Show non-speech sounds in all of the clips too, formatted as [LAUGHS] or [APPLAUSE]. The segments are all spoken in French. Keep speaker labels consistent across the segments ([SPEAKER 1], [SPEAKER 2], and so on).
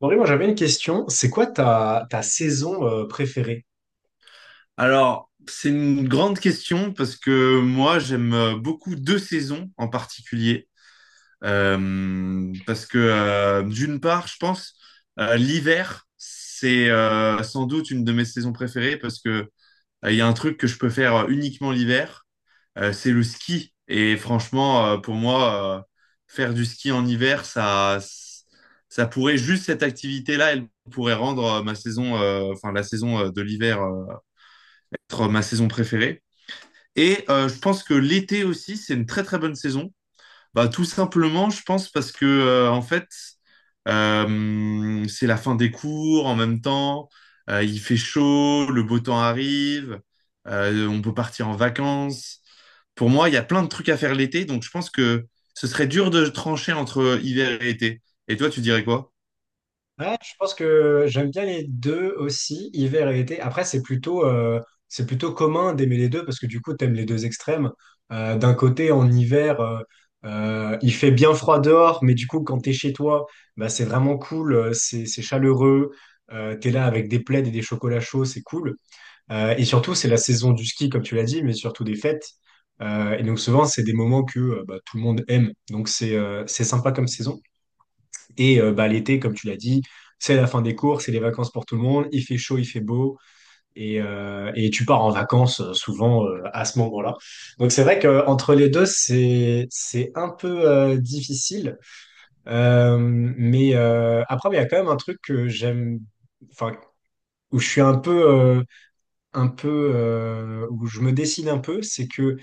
[SPEAKER 1] Henri, moi j'avais une question. C'est quoi ta saison préférée?
[SPEAKER 2] Alors, c'est une grande question parce que moi, j'aime beaucoup deux saisons en particulier. Parce que d'une part, je pense, l'hiver, c'est sans doute une de mes saisons préférées parce que il y a un truc que je peux faire uniquement l'hiver, c'est le ski. Et franchement, pour moi, faire du ski en hiver, ça pourrait juste cette activité-là, elle pourrait rendre ma saison, enfin la saison de l'hiver, être ma saison préférée. Et je pense que l'été aussi, c'est une très très bonne saison. Bah, tout simplement, je pense parce que en fait, c'est la fin des cours en même temps. Il fait chaud, le beau temps arrive, on peut partir en vacances. Pour moi, il y a plein de trucs à faire l'été, donc je pense que ce serait dur de trancher entre hiver et été. Et toi, tu dirais quoi?
[SPEAKER 1] Ouais, je pense que j'aime bien les deux aussi, hiver et été. Après, c'est plutôt commun d'aimer les deux parce que du coup, tu aimes les deux extrêmes. D'un côté, en hiver, il fait bien froid dehors, mais du coup, quand tu es chez toi, bah, c'est vraiment cool, c'est chaleureux, tu es là avec des plaids et des chocolats chauds, c'est cool. Et surtout, c'est la saison du ski, comme tu l'as dit, mais surtout des fêtes. Et donc souvent, c'est des moments que bah, tout le monde aime. Donc c'est sympa comme saison. Et bah, l'été, comme tu l'as dit, c'est la fin des cours, c'est les vacances pour tout le monde. Il fait chaud, il fait beau. Et tu pars en vacances souvent à ce moment-là. Donc c'est vrai qu'entre les deux, c'est un peu difficile. Mais après, il y a quand même un truc que j'aime, enfin, où je suis un peu où je me décide un peu, c'est que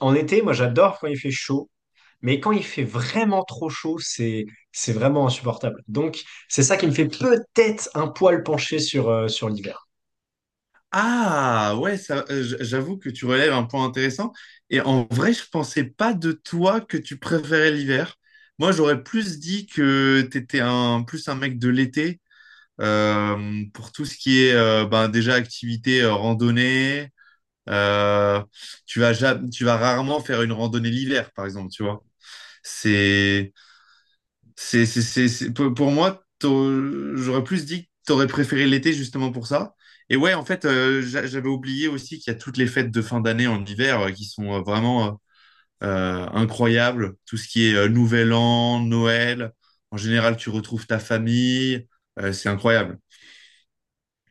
[SPEAKER 1] en été, moi j'adore quand il fait chaud, mais quand il fait vraiment trop chaud, c'est vraiment insupportable. Donc c'est ça qui me fait peut-être un poil pencher sur l'hiver.
[SPEAKER 2] Ah ouais, ça, j'avoue que tu relèves un point intéressant. Et en vrai, je pensais pas de toi que tu préférais l'hiver. Moi, j'aurais plus dit que t'étais un mec de l'été pour tout ce qui est ben, déjà activité randonnée. Euh, tu vas rarement faire une randonnée l'hiver, par exemple, tu vois. C'est pour moi, j'aurais plus dit que t'aurais préféré l'été justement pour ça. Et ouais, en fait, j'avais oublié aussi qu'il y a toutes les fêtes de fin d'année en hiver qui sont vraiment incroyables. Tout ce qui est Nouvel An, Noël. En général, tu retrouves ta famille. C'est incroyable.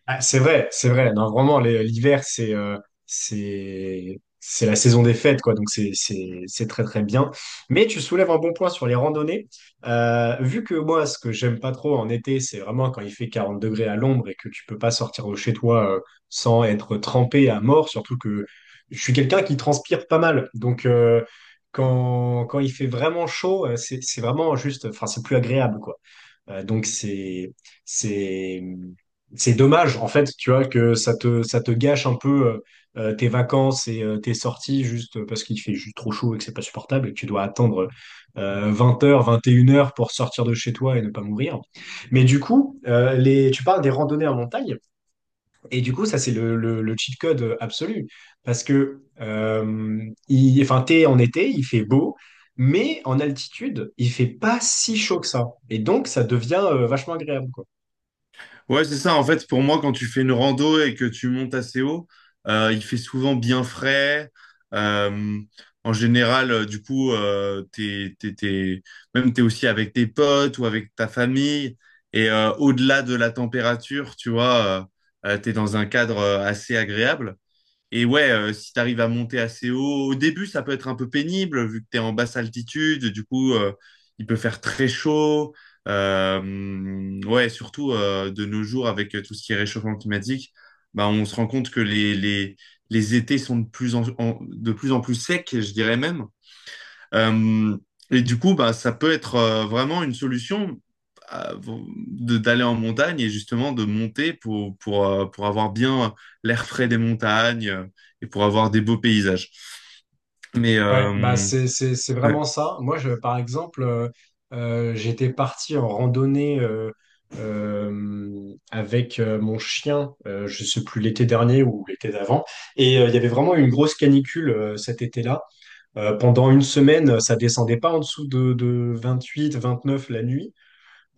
[SPEAKER 1] Ah, c'est vrai, c'est vrai. Non, vraiment, l'hiver, c'est la saison des fêtes, quoi. Donc c'est très très bien. Mais tu soulèves un bon point sur les randonnées. Vu que moi, ce que j'aime pas trop en été, c'est vraiment quand il fait 40 degrés à l'ombre et que tu peux pas sortir de chez toi sans être trempé à mort. Surtout que je suis quelqu'un qui transpire pas mal. Donc quand il fait vraiment chaud, c'est vraiment juste. Enfin, c'est plus agréable, quoi. Donc c'est c'est dommage en fait, tu vois, que ça te gâche un peu tes vacances et tes sorties juste parce qu'il fait juste trop chaud et que c'est pas supportable et que tu dois attendre 20 h, 21 h pour sortir de chez toi et ne pas mourir. Mais du coup, les tu parles des randonnées en montagne. Et du coup, ça, c'est le cheat code absolu. Parce que, enfin, t'es en été, il fait beau, mais en altitude, il fait pas si chaud que ça. Et donc, ça devient vachement agréable, quoi.
[SPEAKER 2] Ouais, c'est ça. En fait, pour moi, quand tu fais une rando et que tu montes assez haut, il fait souvent bien frais. Euh, en général, du coup, même t'es aussi avec tes potes ou avec ta famille. Et au-delà de la température, tu vois, t'es dans un cadre assez agréable. Et ouais, si tu arrives à monter assez haut, au début, ça peut être un peu pénible vu que tu es en basse altitude. Du coup, il peut faire très chaud. Ouais, surtout de nos jours, avec tout ce qui est réchauffement climatique, bah, on se rend compte que les étés sont de plus de plus en plus secs, je dirais même. Euh, et du coup, bah, ça peut être vraiment une solution à- d'aller en montagne et justement de monter pour avoir bien l'air frais des montagnes et pour avoir des beaux paysages. Mais
[SPEAKER 1] Ouais, bah, c'est vraiment
[SPEAKER 2] ouais.
[SPEAKER 1] ça. Moi, je, par exemple, j'étais parti en randonnée avec mon chien, je sais plus, l'été dernier ou l'été d'avant. Et il y avait vraiment une grosse canicule cet été-là. Pendant une semaine, ça descendait pas en dessous de 28, 29 la nuit.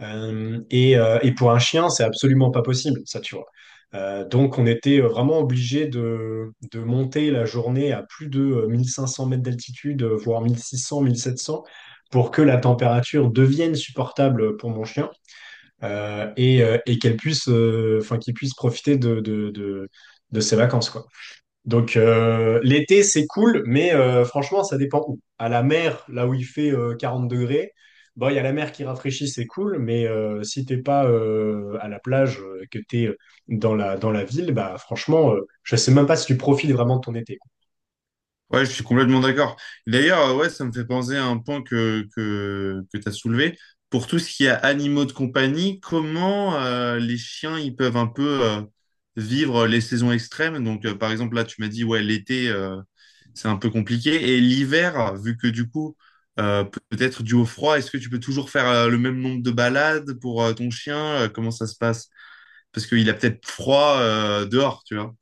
[SPEAKER 1] Et pour un chien, c'est absolument pas possible, ça, tu vois. Donc, on était vraiment obligé de monter la journée à plus de 1 500 mètres d'altitude, voire 1 600, 1 700, pour que la température devienne supportable pour mon chien et enfin, qu'il puisse profiter de ses vacances, quoi. Donc l'été c'est cool, mais franchement ça dépend où. À la mer, là où il fait 40 degrés, bon il y a la mer qui rafraîchit, c'est cool, mais si t'es pas à la plage, que t'es dans la ville, bah franchement je sais même pas si tu profites vraiment de ton été.
[SPEAKER 2] Ouais, je suis complètement d'accord. D'ailleurs, ouais, ça me fait penser à un point que tu as soulevé. Pour tout ce qui est animaux de compagnie, comment les chiens ils peuvent un peu vivre les saisons extrêmes? Donc, par exemple, là, tu m'as dit, ouais, l'été, c'est un peu compliqué. Et l'hiver, vu que du coup, euh, peut-être dû au froid, est-ce que tu peux toujours faire le même nombre de balades pour ton chien? Comment ça se passe? Parce qu'il a peut-être froid dehors, tu vois.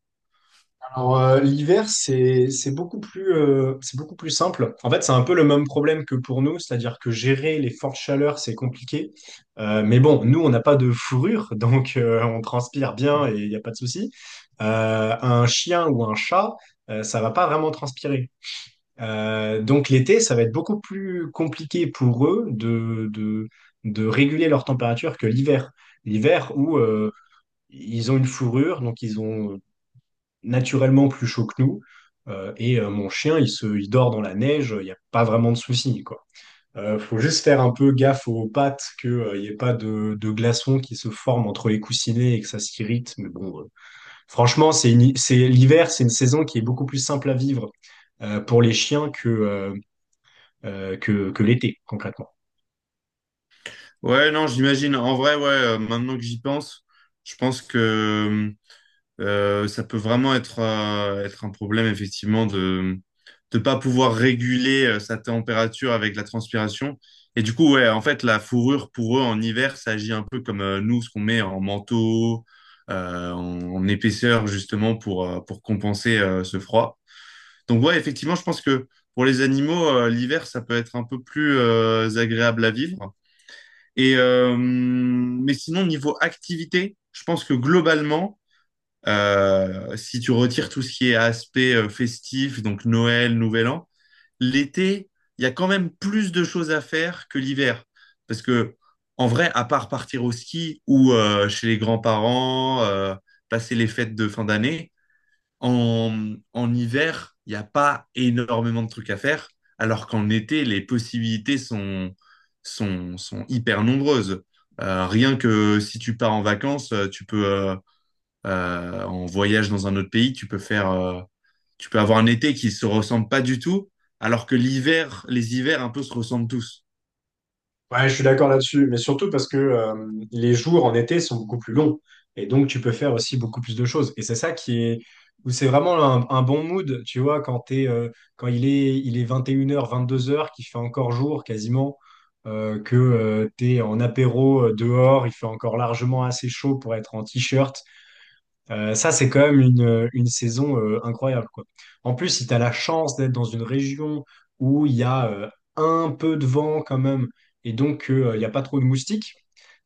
[SPEAKER 1] Alors, l'hiver, c'est beaucoup plus simple. En fait, c'est un peu le même problème que pour nous, c'est-à-dire que gérer les fortes chaleurs, c'est compliqué. Mais bon, nous, on n'a pas de fourrure, [LAUGHS] donc on transpire bien et il n'y a pas de souci. Un chien ou un chat, ça va pas vraiment transpirer. Donc l'été, ça va être beaucoup plus compliqué pour eux de réguler leur température que l'hiver. L'hiver où ils ont une fourrure, donc ils ont naturellement plus chaud que nous. Et mon chien, il dort dans la neige, il n'y a pas vraiment de souci, quoi. Faut juste faire un peu gaffe aux pattes, qu'il n'y ait pas de glaçons qui se forment entre les coussinets et que ça s'irrite. Mais bon, franchement, c'est l'hiver, c'est une saison qui est beaucoup plus simple à vivre pour les chiens que l'été, concrètement.
[SPEAKER 2] Ouais, non, j'imagine. En vrai, ouais, maintenant que j'y pense, je pense que ça peut vraiment être, être un problème, effectivement, de ne pas pouvoir réguler sa température avec la transpiration. Et du coup, ouais, en fait, la fourrure, pour eux, en hiver, ça agit un peu comme nous, ce qu'on met en manteau, en épaisseur, justement, pour compenser ce froid. Donc, ouais, effectivement, je pense que pour les animaux, l'hiver, ça peut être un peu plus agréable à vivre. Et, mais sinon, niveau activité, je pense que globalement, si tu retires tout ce qui est aspect festif, donc Noël, Nouvel An, l'été, il y a quand même plus de choses à faire que l'hiver. Parce que, en vrai, à part partir au ski ou chez les grands-parents, passer les fêtes de fin d'année, en hiver, il n'y a pas énormément de trucs à faire, alors qu'en été, les possibilités sont hyper nombreuses. Rien que si tu pars en vacances, en voyage dans un autre pays, tu peux avoir un été qui se ressemble pas du tout, alors que l'hiver, les hivers un peu se ressemblent tous.
[SPEAKER 1] Ouais, je suis d'accord là-dessus, mais surtout parce que les jours en été sont beaucoup plus longs et donc tu peux faire aussi beaucoup plus de choses. Et c'est ça qui est où c'est vraiment un bon mood, tu vois, quand il est 21 h, 22 heures vingt-deux heures, qu'il fait encore jour quasiment, que tu t'es en apéro dehors, il fait encore largement assez chaud pour être en t-shirt ça, c'est quand même une saison incroyable, quoi. En plus, si tu as la chance d'être dans une région où il y a un peu de vent quand même, et donc il n'y a pas trop de moustiques,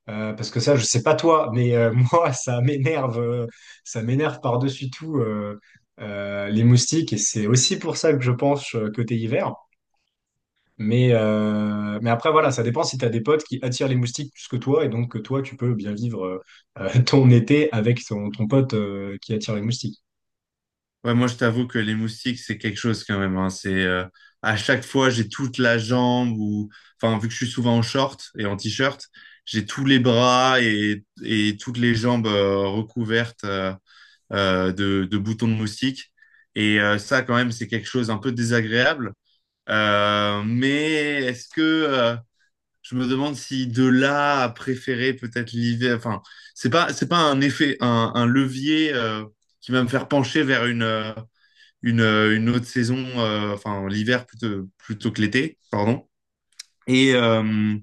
[SPEAKER 1] parce que ça, je sais pas toi, mais [LAUGHS] moi, ça m'énerve par-dessus tout les moustiques, et c'est aussi pour ça que je pense côté hiver. Mais après, voilà, ça dépend si tu as des potes qui attirent les moustiques plus que toi, et donc que toi, tu peux bien vivre [LAUGHS] ton été avec ton pote qui attire les moustiques.
[SPEAKER 2] Ouais, moi je t'avoue que les moustiques c'est quelque chose quand même, hein. C'est à chaque fois j'ai toute la jambe ou, enfin vu que je suis souvent en short et en t-shirt, j'ai tous les bras et toutes les jambes recouvertes de boutons de moustiques. Et ça quand même c'est quelque chose un peu désagréable. Mais est-ce que je me demande si de là à préférer peut-être l'hiver. Enfin, c'est pas un effet un levier qui va me faire pencher vers une autre saison, enfin l'hiver plutôt que l'été, pardon. Et, euh,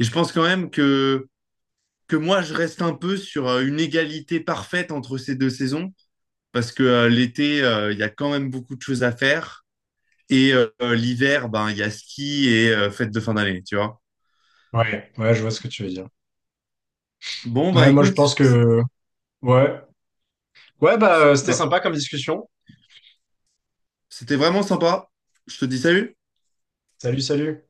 [SPEAKER 2] et je pense quand même que moi je reste un peu sur une égalité parfaite entre ces deux saisons parce que l'été il y a quand même beaucoup de choses à faire et l'hiver ben il y a ski et fête de fin d'année, tu vois.
[SPEAKER 1] Ouais, ouais, je vois ce que tu veux dire.
[SPEAKER 2] Bon bah
[SPEAKER 1] Ouais, moi je
[SPEAKER 2] écoute,
[SPEAKER 1] pense
[SPEAKER 2] c'est-
[SPEAKER 1] que ouais. Ouais, bah c'était
[SPEAKER 2] bah,
[SPEAKER 1] sympa comme discussion.
[SPEAKER 2] c'était vraiment sympa. Je te dis salut.
[SPEAKER 1] Salut, salut.